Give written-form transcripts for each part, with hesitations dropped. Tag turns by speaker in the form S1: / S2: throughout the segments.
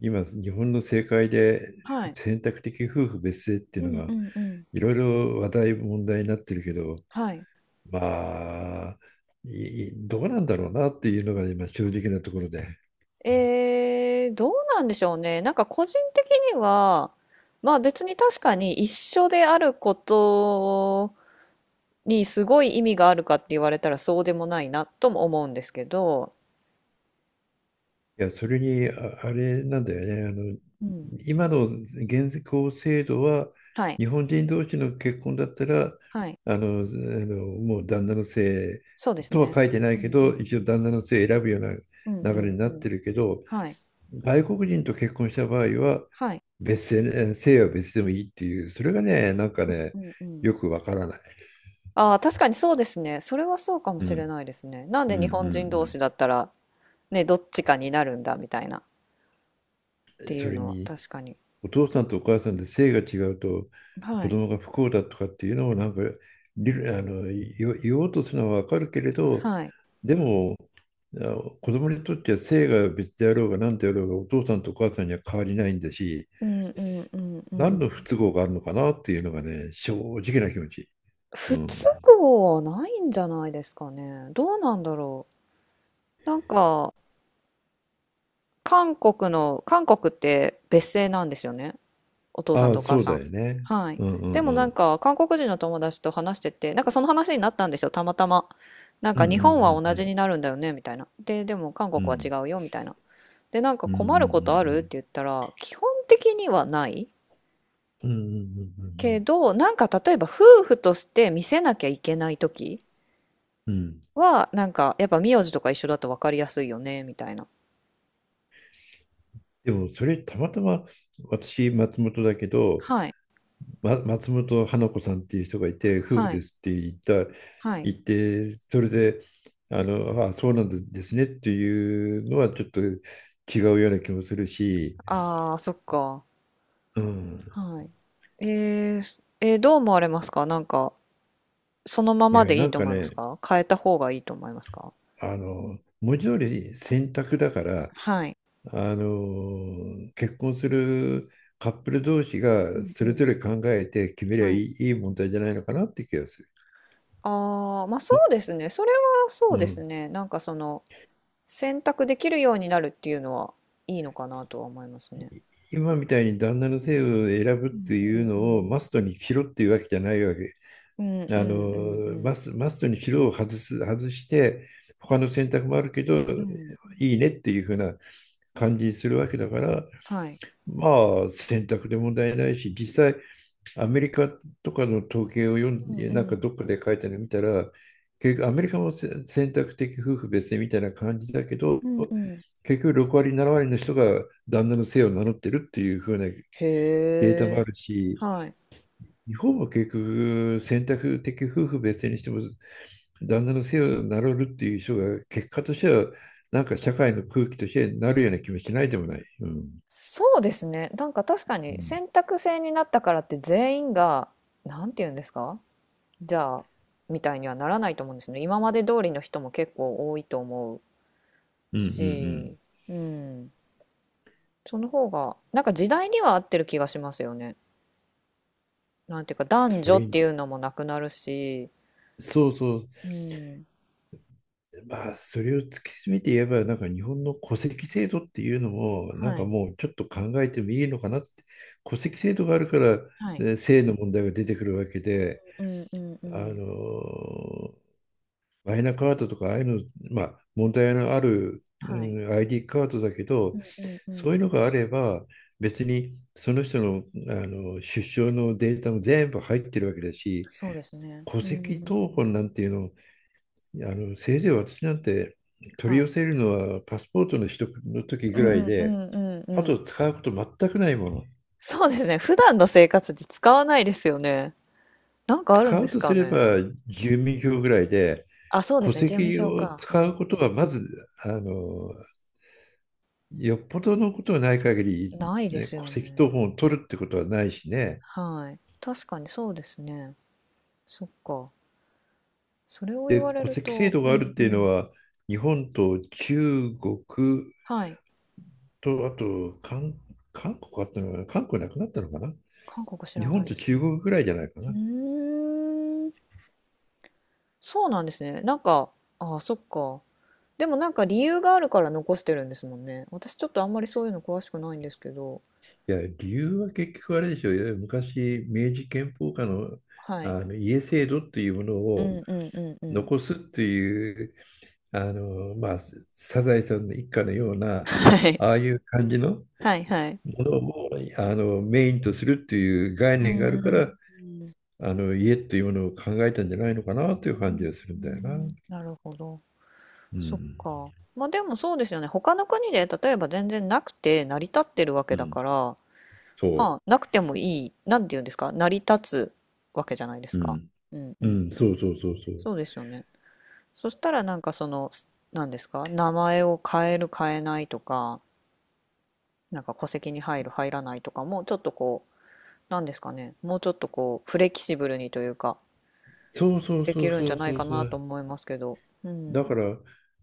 S1: 今、日本の政界で
S2: はい。
S1: 選択的夫婦別姓ってい
S2: う
S1: うの
S2: んう
S1: が
S2: んうん。
S1: いろいろ話題、問題になってるけど、
S2: はい。
S1: まあ、どうなんだろうなっていうのが今、正直なところで。
S2: どうなんでしょうね。なんか個人的には、まあ別に確かに一緒であることにすごい意味があるかって言われたらそうでもないなとも思うんですけど、
S1: いや、それに、あれなんだよね。
S2: うん。
S1: 今の現行制度は、
S2: はい。
S1: 日本人同士の結婚だったら、
S2: はい。
S1: もう旦那の姓
S2: そうです
S1: とは
S2: ね。
S1: 書いてな
S2: う
S1: いけ
S2: んう
S1: ど、
S2: ん。
S1: 一応旦那の姓選ぶよう
S2: うん
S1: な
S2: う
S1: 流れ
S2: ん
S1: に
S2: う
S1: なっ
S2: ん。
S1: てるけど、
S2: はい。
S1: 外国人と結婚した場合は
S2: はい。
S1: 別姓ね、姓は別でもいいっていう、それがね、なんかね、
S2: うんうんうん。
S1: よくわからない。
S2: ああ、確かにそうですね。それはそうかも
S1: うん、
S2: しれないですね。なん
S1: うん、う
S2: で日本人同
S1: ん
S2: 士だったら、ね、どっちかになるんだみたいなっ
S1: うん。
S2: てい
S1: そ
S2: う
S1: れ
S2: のは
S1: に、
S2: 確かに。
S1: お父さんとお母さんで姓が違うと
S2: は
S1: 子
S2: い。
S1: 供が不幸だとかっていうのをなんか理あの言おうとするのはわかるけれど、
S2: はい。
S1: でも、あ子供にとっては姓が別であろうが何であろうがお父さんとお母さんには変わりないんだし、
S2: うんうんうんう
S1: 何
S2: ん。
S1: の不都合があるのかなっていうのがね、正直な気持ち。う
S2: 不都
S1: ん
S2: 合はないんじゃないですかね。どうなんだろう。なんか、韓国の、韓国って別姓なんですよね。お父さん
S1: ああ、
S2: とお母
S1: そう
S2: さ
S1: だ
S2: ん。
S1: よね。
S2: はい。
S1: うんうん
S2: でもな
S1: う
S2: ん
S1: ん。
S2: か、韓国人の友達と話してて、なんかその話になったんですよ、たまたま。なん
S1: うん
S2: か
S1: うんう
S2: 日
S1: ん
S2: 本は同
S1: う
S2: じ
S1: ん。
S2: になるんだよね、みたいな。で、でも韓国
S1: う
S2: は違
S1: ん
S2: うよ、みたいな。で、なんか
S1: うんうんう
S2: 困ることあるって言
S1: ん。
S2: ったら、基本的にはない。
S1: うんうんうんうんう
S2: け
S1: ん。
S2: ど、なんか例えば夫婦として見せなきゃいけない時は、なんかやっぱ名字とか一緒だと分かりやすいよね、みたいな。
S1: でもそれたまたま私松本だけど、
S2: はい、
S1: 松本花子さんっていう人がいて夫婦
S2: は
S1: で
S2: い、
S1: すって
S2: はい。
S1: 言ってそれでそうなんですねっていうのはちょっと違うような気もするし、
S2: ああ、そっか。
S1: うん、
S2: はい。えー、どう思われますかなんか、そのま
S1: い
S2: ま
S1: や
S2: でい
S1: な
S2: い
S1: ん
S2: と
S1: か
S2: 思います
S1: ね
S2: か変えた方がいいと思いますか？
S1: 文字通り選択だから
S2: はい。
S1: 結婚するカップル同士
S2: う
S1: が
S2: んう
S1: それぞ
S2: ん。
S1: れ考えて決めりゃ
S2: は
S1: い
S2: い。
S1: い、いい問題じゃないのかなって気がする。
S2: ああ、まあそうですね。それはそ
S1: う
S2: うです
S1: ん、
S2: ね。なんかその、選択できるようになるっていうのはいいのかなとは思いますね。
S1: 今みたいに旦那の姓を選ぶっ
S2: うん
S1: て
S2: う
S1: いう
S2: んう
S1: のを
S2: ん
S1: マストにしろっていうわけじゃないわけ。
S2: うんうんうんうん。
S1: マストにしろを外す、外して他の選択もあるけど
S2: うん。
S1: いいねっていうふうな感じにするわけだから
S2: はい。
S1: まあ選択で問題ないし、実際アメリカとかの統計を読ん
S2: うん
S1: で、
S2: う
S1: なんか
S2: ん。
S1: どっかで書いたの見たら、結局アメリカも選択的夫婦別姓みたいな感じだけど、
S2: うんうん。
S1: 結局6割、7割の人が旦那の姓を名乗ってるっていう風な
S2: へ
S1: データもあ
S2: え。
S1: るし、
S2: はい。
S1: 日本も結局選択的夫婦別姓にしても、旦那の姓を名乗るっていう人が結果としては、なんか社会の空気としてなるような気もしないでもない。うん。
S2: そうですね。なんか確か
S1: う
S2: に
S1: ん
S2: 選択制になったからって全員が、なんて言うんですかじゃあ、みたいにはならないと思うんですね。今まで通りの人も結構多いと思う
S1: うんうんうん。
S2: し、うん。その方が、なんか時代には合ってる気がしますよね。なんていうか、男
S1: そ
S2: 女
S1: れ
S2: って
S1: に、
S2: いうのもなくなるし、
S1: そうそう、
S2: うん。
S1: まあ、それを突き詰めて言えば、なんか日本の戸籍制度っていうのも、なん
S2: は
S1: か
S2: い。
S1: もうちょっと考えてもいいのかなって、戸籍制度があるから、
S2: はい。
S1: ね性の問題が出てくるわけで、
S2: うんうんう
S1: あ
S2: ん。
S1: の、マイナカードとか、ああいうの、まあ、問題のある、う
S2: はい。
S1: ん、ID カードだけ
S2: う
S1: ど、
S2: んうんう
S1: そう
S2: ん。
S1: いうのがあれば、別にその人の、出生のデータも全部入ってるわけだし、
S2: そうですね。
S1: 戸
S2: う
S1: 籍
S2: ん。
S1: 謄本なんていうのせいぜい私なんて取
S2: は
S1: り寄
S2: い。
S1: せるのはパスポートの取得の時
S2: う
S1: ぐらい
S2: んう
S1: で、
S2: んうん
S1: あ
S2: う
S1: と
S2: ん。
S1: 使うこと全くないもの。
S2: そうですね。普段の生活で使わないですよね。なんかあるん
S1: 使
S2: で
S1: う
S2: す
S1: とす
S2: か
S1: れば
S2: ね。
S1: 住民票ぐらいで、
S2: あ、そうで
S1: 戸
S2: すね。住民
S1: 籍
S2: 票
S1: を
S2: か。う
S1: 使
S2: ん
S1: うことはまず、あの、よっぽどのことはない限
S2: うん。
S1: り、
S2: ないで
S1: ね、
S2: す
S1: 戸
S2: よ
S1: 籍謄
S2: ね。
S1: 本を取るってことはないしね。
S2: はい。確かにそうですね。そっか。それを言
S1: で、
S2: われ
S1: 戸
S2: る
S1: 籍制
S2: と、
S1: 度
S2: う
S1: がある
S2: ん
S1: っ
S2: う
S1: ていうの
S2: ん。
S1: は、日本と中国
S2: はい。
S1: と、韓国あったのかな、韓国なくなったのかな。
S2: 韓国知
S1: 日
S2: ら
S1: 本
S2: ないで
S1: と
S2: すね。
S1: 中国ぐらいじゃないか
S2: う
S1: な。
S2: ーん。そうなんですね。なんか、あ、そっか。でもなんか理由があるから残してるんですもんね。私ちょっとあんまりそういうの詳しくないんですけど。
S1: いや、理由は結局あれでしょう。いわゆる昔、明治憲法下の、
S2: はい。
S1: あの家制度っていうもの
S2: う
S1: を
S2: んうんうんうん。
S1: 残すっていう、あの、まあ、サザエさんの一家のような、
S2: はい。
S1: ああいう感じの
S2: はいはい。
S1: ものをメインとするっていう概
S2: う
S1: 念があ
S2: ー
S1: るか
S2: ん。う
S1: ら、あの家っていうものを考えたんじゃないのかなという
S2: ー
S1: 感じがするんだよな。
S2: んなるほど。
S1: う
S2: そっ
S1: ん。
S2: か。まあでもそうですよね。他の国で例えば全然なくて成り立ってるわけ
S1: う
S2: だ
S1: ん。
S2: から、ま
S1: そ
S2: あなくてもいい、なんて言うんですか、成り立つわけじゃないです
S1: う。う
S2: か。
S1: ん。
S2: うんう
S1: う
S2: ん。
S1: ん。そうそうそうそう。
S2: そうですよね。そしたらなんかその、なんですか、名前を変える変えないとか、なんか戸籍に入る入らないとかもちょっとこうなんですかねもうちょっとこうフレキシブルにというか
S1: そうそう
S2: で
S1: そ
S2: き
S1: う
S2: るん
S1: そ
S2: じゃ
S1: う
S2: な
S1: そ
S2: い
S1: う
S2: か
S1: そ
S2: なと
S1: う。
S2: 思いますけどう
S1: だ
S2: ん
S1: から、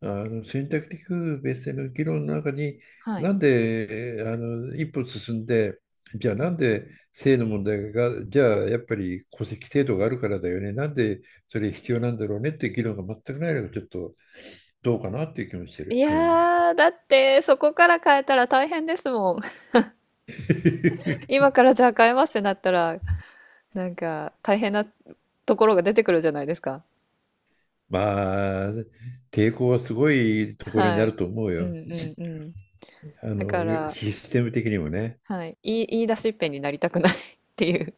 S1: あの選択的夫婦別姓の議論の中に、
S2: はい
S1: なんで一歩進んで、じゃあ
S2: うん
S1: なん
S2: う
S1: で
S2: ん
S1: 性の問題が、じゃあやっぱり戸籍制度があるからだよね、なんでそれ必要なんだろうねっていう議論が全くないのがちょっとどうかなっていう気もして
S2: い
S1: る。うん
S2: やーだってそこから変えたら大変ですもん。 今 からじゃあ変えますってなったらなんか大変なところが出てくるじゃないですか
S1: まあ、抵抗はすごいところに
S2: は
S1: な
S2: い
S1: ると思う
S2: う
S1: よ。
S2: んうんうん
S1: あ
S2: だ
S1: の、
S2: から
S1: システム的にもね。
S2: はい言い出しっぺになりたくない っていう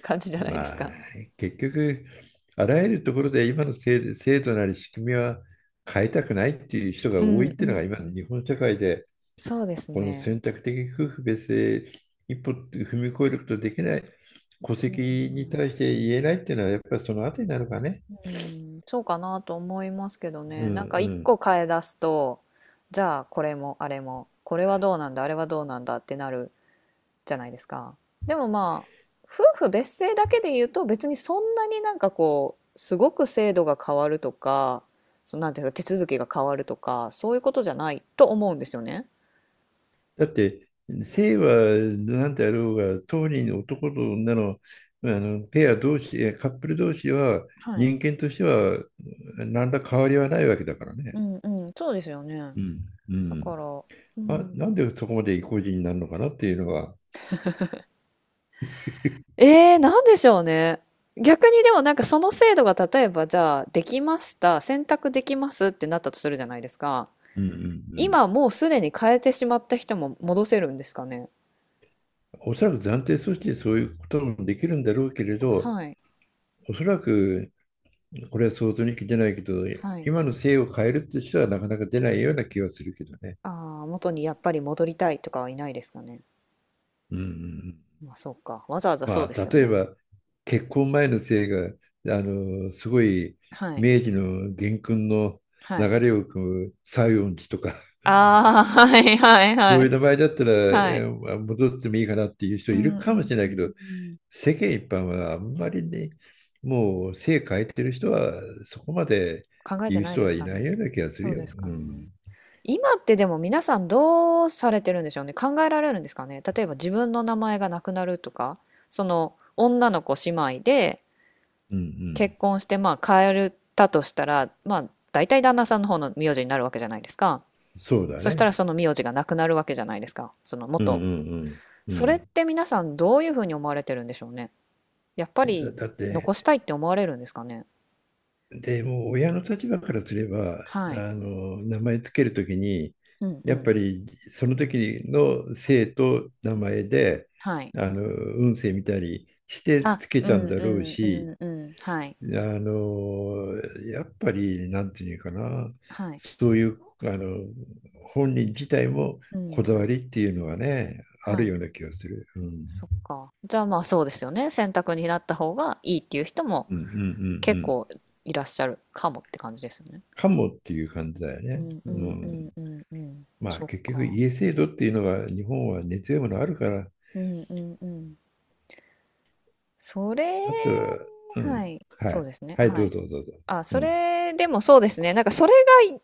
S2: 感じじゃないで
S1: ま
S2: す
S1: あ、
S2: か
S1: 結局、あらゆるところで今の制度なり仕組みは変えたくないっていう人が
S2: う
S1: 多
S2: ん
S1: いっ
S2: う
S1: ていうのが今の
S2: ん
S1: 日本社会で、
S2: そうです
S1: この
S2: ね
S1: 選択的夫婦別姓一歩踏み越えることできない、戸
S2: う
S1: 籍に
S2: ん
S1: 対して言えないっていうのは、やっぱりそのあたりなのかね。
S2: うん、そうかなと思いますけど
S1: うん
S2: ね。
S1: う
S2: なんか一
S1: ん。
S2: 個変え出すと、じゃあこれもあれも、これはどうなんだ、あれはどうなんだってなるじゃないですか。でもまあ、夫婦別姓だけで言うと別にそんなになんかこう、すごく制度が変わるとか、そうなんていうか手続きが変わるとか、そういうことじゃないと思うんですよね。
S1: だって、性は何であろうが、当人男と女の、ペア同士、カップル同士は
S2: はい。
S1: 人間としては何ら変わりはないわけだから
S2: う
S1: ね。
S2: んうん、そうですよね。
S1: うん、う
S2: だから、
S1: ん、
S2: う
S1: あ、な
S2: ん。
S1: んでそこまで意固地になるのかなっていうのは、
S2: なんでしょうね。逆にでもなんかその制度が例えばじゃあできました、選択できますってなったとするじゃないですか。
S1: うん、うん、うん。
S2: 今もうすでに変えてしまった人も戻せるんですかね。
S1: おそらく暫定措置でそういうこともできるんだろうけれど、
S2: はい。
S1: おそらくこれは想像に聞いてないけど、
S2: はい。
S1: 今の制を変えるって人はなかなか出ないような気はするけどね。
S2: ああ、元にやっぱり戻りたいとかはいないですかね。
S1: うんうんうん、
S2: まあそうか。わざわざそ
S1: ま
S2: うで
S1: あ、
S2: すよ
S1: 例え
S2: ね。
S1: ば結婚前の制が、すごい
S2: はい。
S1: 明治の元勲の
S2: はい。
S1: 流れを組む西園寺とか、
S2: ああ、はいはい
S1: そ
S2: は
S1: う
S2: い。
S1: いう名前だったら、
S2: はい。
S1: 戻ってもいいかなっていう人
S2: う
S1: い
S2: ん
S1: る
S2: う
S1: か
S2: ん
S1: もしれないけど、
S2: うん。
S1: 世間一般はあんまりね、もう性変えてる人はそこまで
S2: 考え
S1: 言
S2: て
S1: う
S2: ない
S1: 人
S2: で
S1: は
S2: す
S1: い
S2: か
S1: ないよう
S2: ね。
S1: な気がする
S2: そう
S1: よ。
S2: ですか
S1: う
S2: ね。
S1: ん。
S2: 今ってでも皆さんどうされてるんでしょうね。考えられるんですかね。例えば自分の名前がなくなるとか、その女の子姉妹で
S1: うんう
S2: 結
S1: ん。
S2: 婚してまあ変えたとしたら、まあ大体旦那さんの方の名字になるわけじゃないですか。
S1: そうだ
S2: そした
S1: ね。
S2: らその名字がなくなるわけじゃないですか。その
S1: うん
S2: 元。
S1: うんうん。
S2: それって皆さんどういうふうに思われてるんでしょうね。やっぱり
S1: だって、
S2: 残したいって思われるんですかね。
S1: でも親の立場からすれば、
S2: は
S1: あ
S2: い。
S1: の名前つけるときに、
S2: うんう
S1: やっ
S2: ん。
S1: ぱりその時の姓と名前で、
S2: はい。
S1: あの運勢見たりして
S2: あ、
S1: つけ
S2: う
S1: た
S2: ん
S1: ん
S2: う
S1: だろう
S2: ん
S1: し、
S2: うんうん。はい。
S1: あの、やっぱり、なんていうかな、
S2: はい。
S1: そういう、あの、本人自体も
S2: う
S1: こ
S2: ん。
S1: だわりっていうのはね、あ
S2: は
S1: る
S2: い。
S1: ような気がする。うん。
S2: そっか。じゃあまあそうですよね。選択になった方がいいっていう人も
S1: うんうんうんう
S2: 結
S1: ん。
S2: 構いらっしゃるかもって感じですよね。
S1: かもっていう感じだよ
S2: う
S1: ね。
S2: んう
S1: う
S2: んう
S1: ん。
S2: んうんうん。
S1: まあ、
S2: そっ
S1: 結局、
S2: か。
S1: 家制度っていうのは、日本は根強いものあるから、
S2: うんうんうん。それ、
S1: だったら、う
S2: は
S1: ん。
S2: い。
S1: は
S2: そう
S1: い。
S2: ですね。
S1: はい、
S2: は
S1: どう
S2: い。
S1: ぞどうぞ。
S2: あ、
S1: う
S2: そ
S1: ん。
S2: れでもそうですね。なんかそれ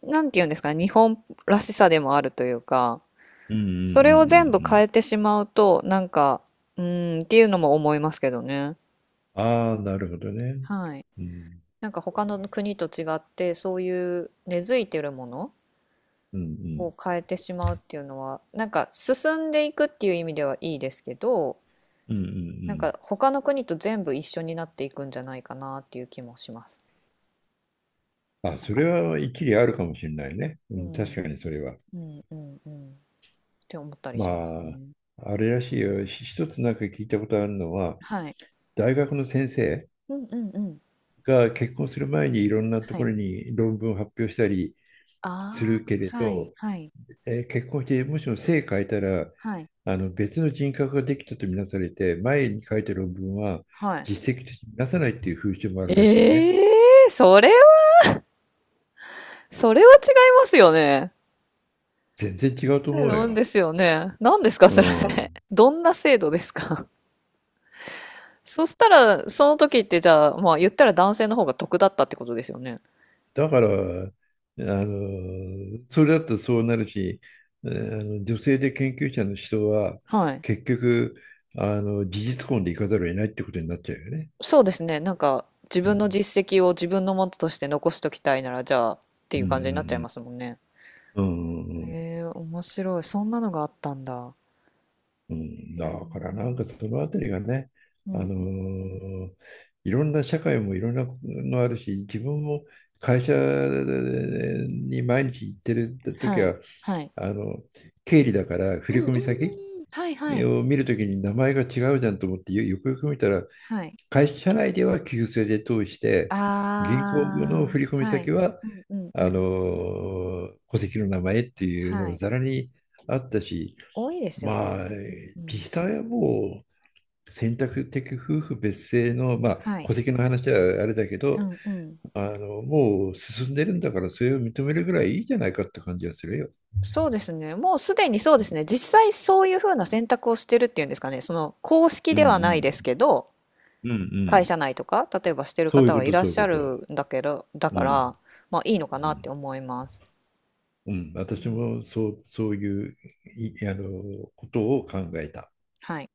S2: が、なんていうんですかね、日本らしさでもあるというか、
S1: うんうんうんう
S2: それを全部変
S1: ん
S2: えてしまうと、なんか、うーんっていうのも思いますけどね。
S1: うん。ああ、なるほどね。
S2: はい。
S1: うん。
S2: なんか他の国と違ってそういう根付いてるもの
S1: うんうん。
S2: を変えてしまうっていうのはなんか進んでいくっていう意味ではいいですけど
S1: うんうんう
S2: なん
S1: ん。
S2: か他の国と全部一緒になっていくんじゃないかなっていう気もします。
S1: あ、
S2: なん
S1: そ
S2: か、
S1: れは一理あるかもしれないね。う
S2: う
S1: ん、
S2: ん、
S1: 確かにそれは。
S2: うんうんうんって思ったり
S1: ま
S2: しますね。
S1: あ、あれらしいよ。一つなんか聞いたことあるのは、
S2: はい。
S1: 大学の先生
S2: うんうんうん。
S1: が結婚する前にいろんなと
S2: は
S1: こ
S2: い。
S1: ろに論文を発表したり
S2: あ
S1: する
S2: あ、
S1: けれ
S2: はい
S1: ど、
S2: はい
S1: 結婚してもしも姓変えたら、
S2: はい
S1: あの別の人格ができたとみなされて、前に書いた論文は
S2: はい。
S1: 実績としてみなさないっていう風習もあるらしいね。
S2: ええー、それは、それは違いますよね。
S1: 全然違うと思う
S2: なんで
S1: よ。
S2: すよね。何ですか、
S1: う
S2: それ。
S1: ん。
S2: どんな制度ですか。そしたら、その時ってじゃあ、まあ言ったら男性の方が得だったってことですよね。
S1: だから、あの、それだとそうなるし、女性で研究者の人は、
S2: はい。
S1: 結局、事実婚でいかざるを得ないってことになっちゃうよね。
S2: そうですね。なんか、自
S1: う
S2: 分
S1: ん、
S2: の実績を自分のものとして残しときたいなら、じゃあ、って
S1: う
S2: いう感じになっちゃい
S1: ん、
S2: ますもんね。
S1: うん、うん、うん、うん
S2: 面白い。そんなのがあったんだ。
S1: うん
S2: え
S1: だからなんか
S2: ー
S1: そのあたりがね、
S2: う
S1: あ
S2: ん。
S1: のーいろんな社会もいろんなのあるし、自分も会社に毎日行ってる時
S2: はい。
S1: は、
S2: はい。
S1: あの、経理だから振
S2: うんうんう
S1: 込先
S2: んうん。はいはい。
S1: を見るときに名前が違うじゃんと思ってよくよく見たら
S2: はい。
S1: 会社内では旧姓で通して銀行の
S2: ああ、
S1: 振込
S2: はい。
S1: 先は
S2: うんうんう
S1: あの
S2: ん。
S1: 戸籍の名前っていうの
S2: は
S1: が
S2: い。
S1: ざらにあったし、
S2: 多いですよね。
S1: まあ
S2: うんうん。
S1: 実際はもう選択的夫婦別姓の、まあ、
S2: はい。
S1: 戸籍の話はあれだけ
S2: う
S1: ど
S2: んうん。
S1: あのもう進んでるんだからそれを認めるぐらいいいじゃないかって感じがするよ。
S2: そうですね。もうすでにそう
S1: う
S2: で
S1: ん
S2: すね。実際そういう風な選択をしてるっていうんですかね。その公式
S1: う
S2: ではないです
S1: ん
S2: けど、
S1: うんうんう
S2: 会
S1: ん。
S2: 社内とか、例えばしてる
S1: そういう
S2: 方
S1: こ
S2: はい
S1: と
S2: らっ
S1: そういう
S2: しゃ
S1: こと。
S2: るんだけど、だ
S1: う
S2: か
S1: ん
S2: ら、まあいいのか
S1: う
S2: なって
S1: ん
S2: 思います。
S1: うん、
S2: う
S1: 私
S2: ん
S1: もそう、そういうあのことを考えた。
S2: はい。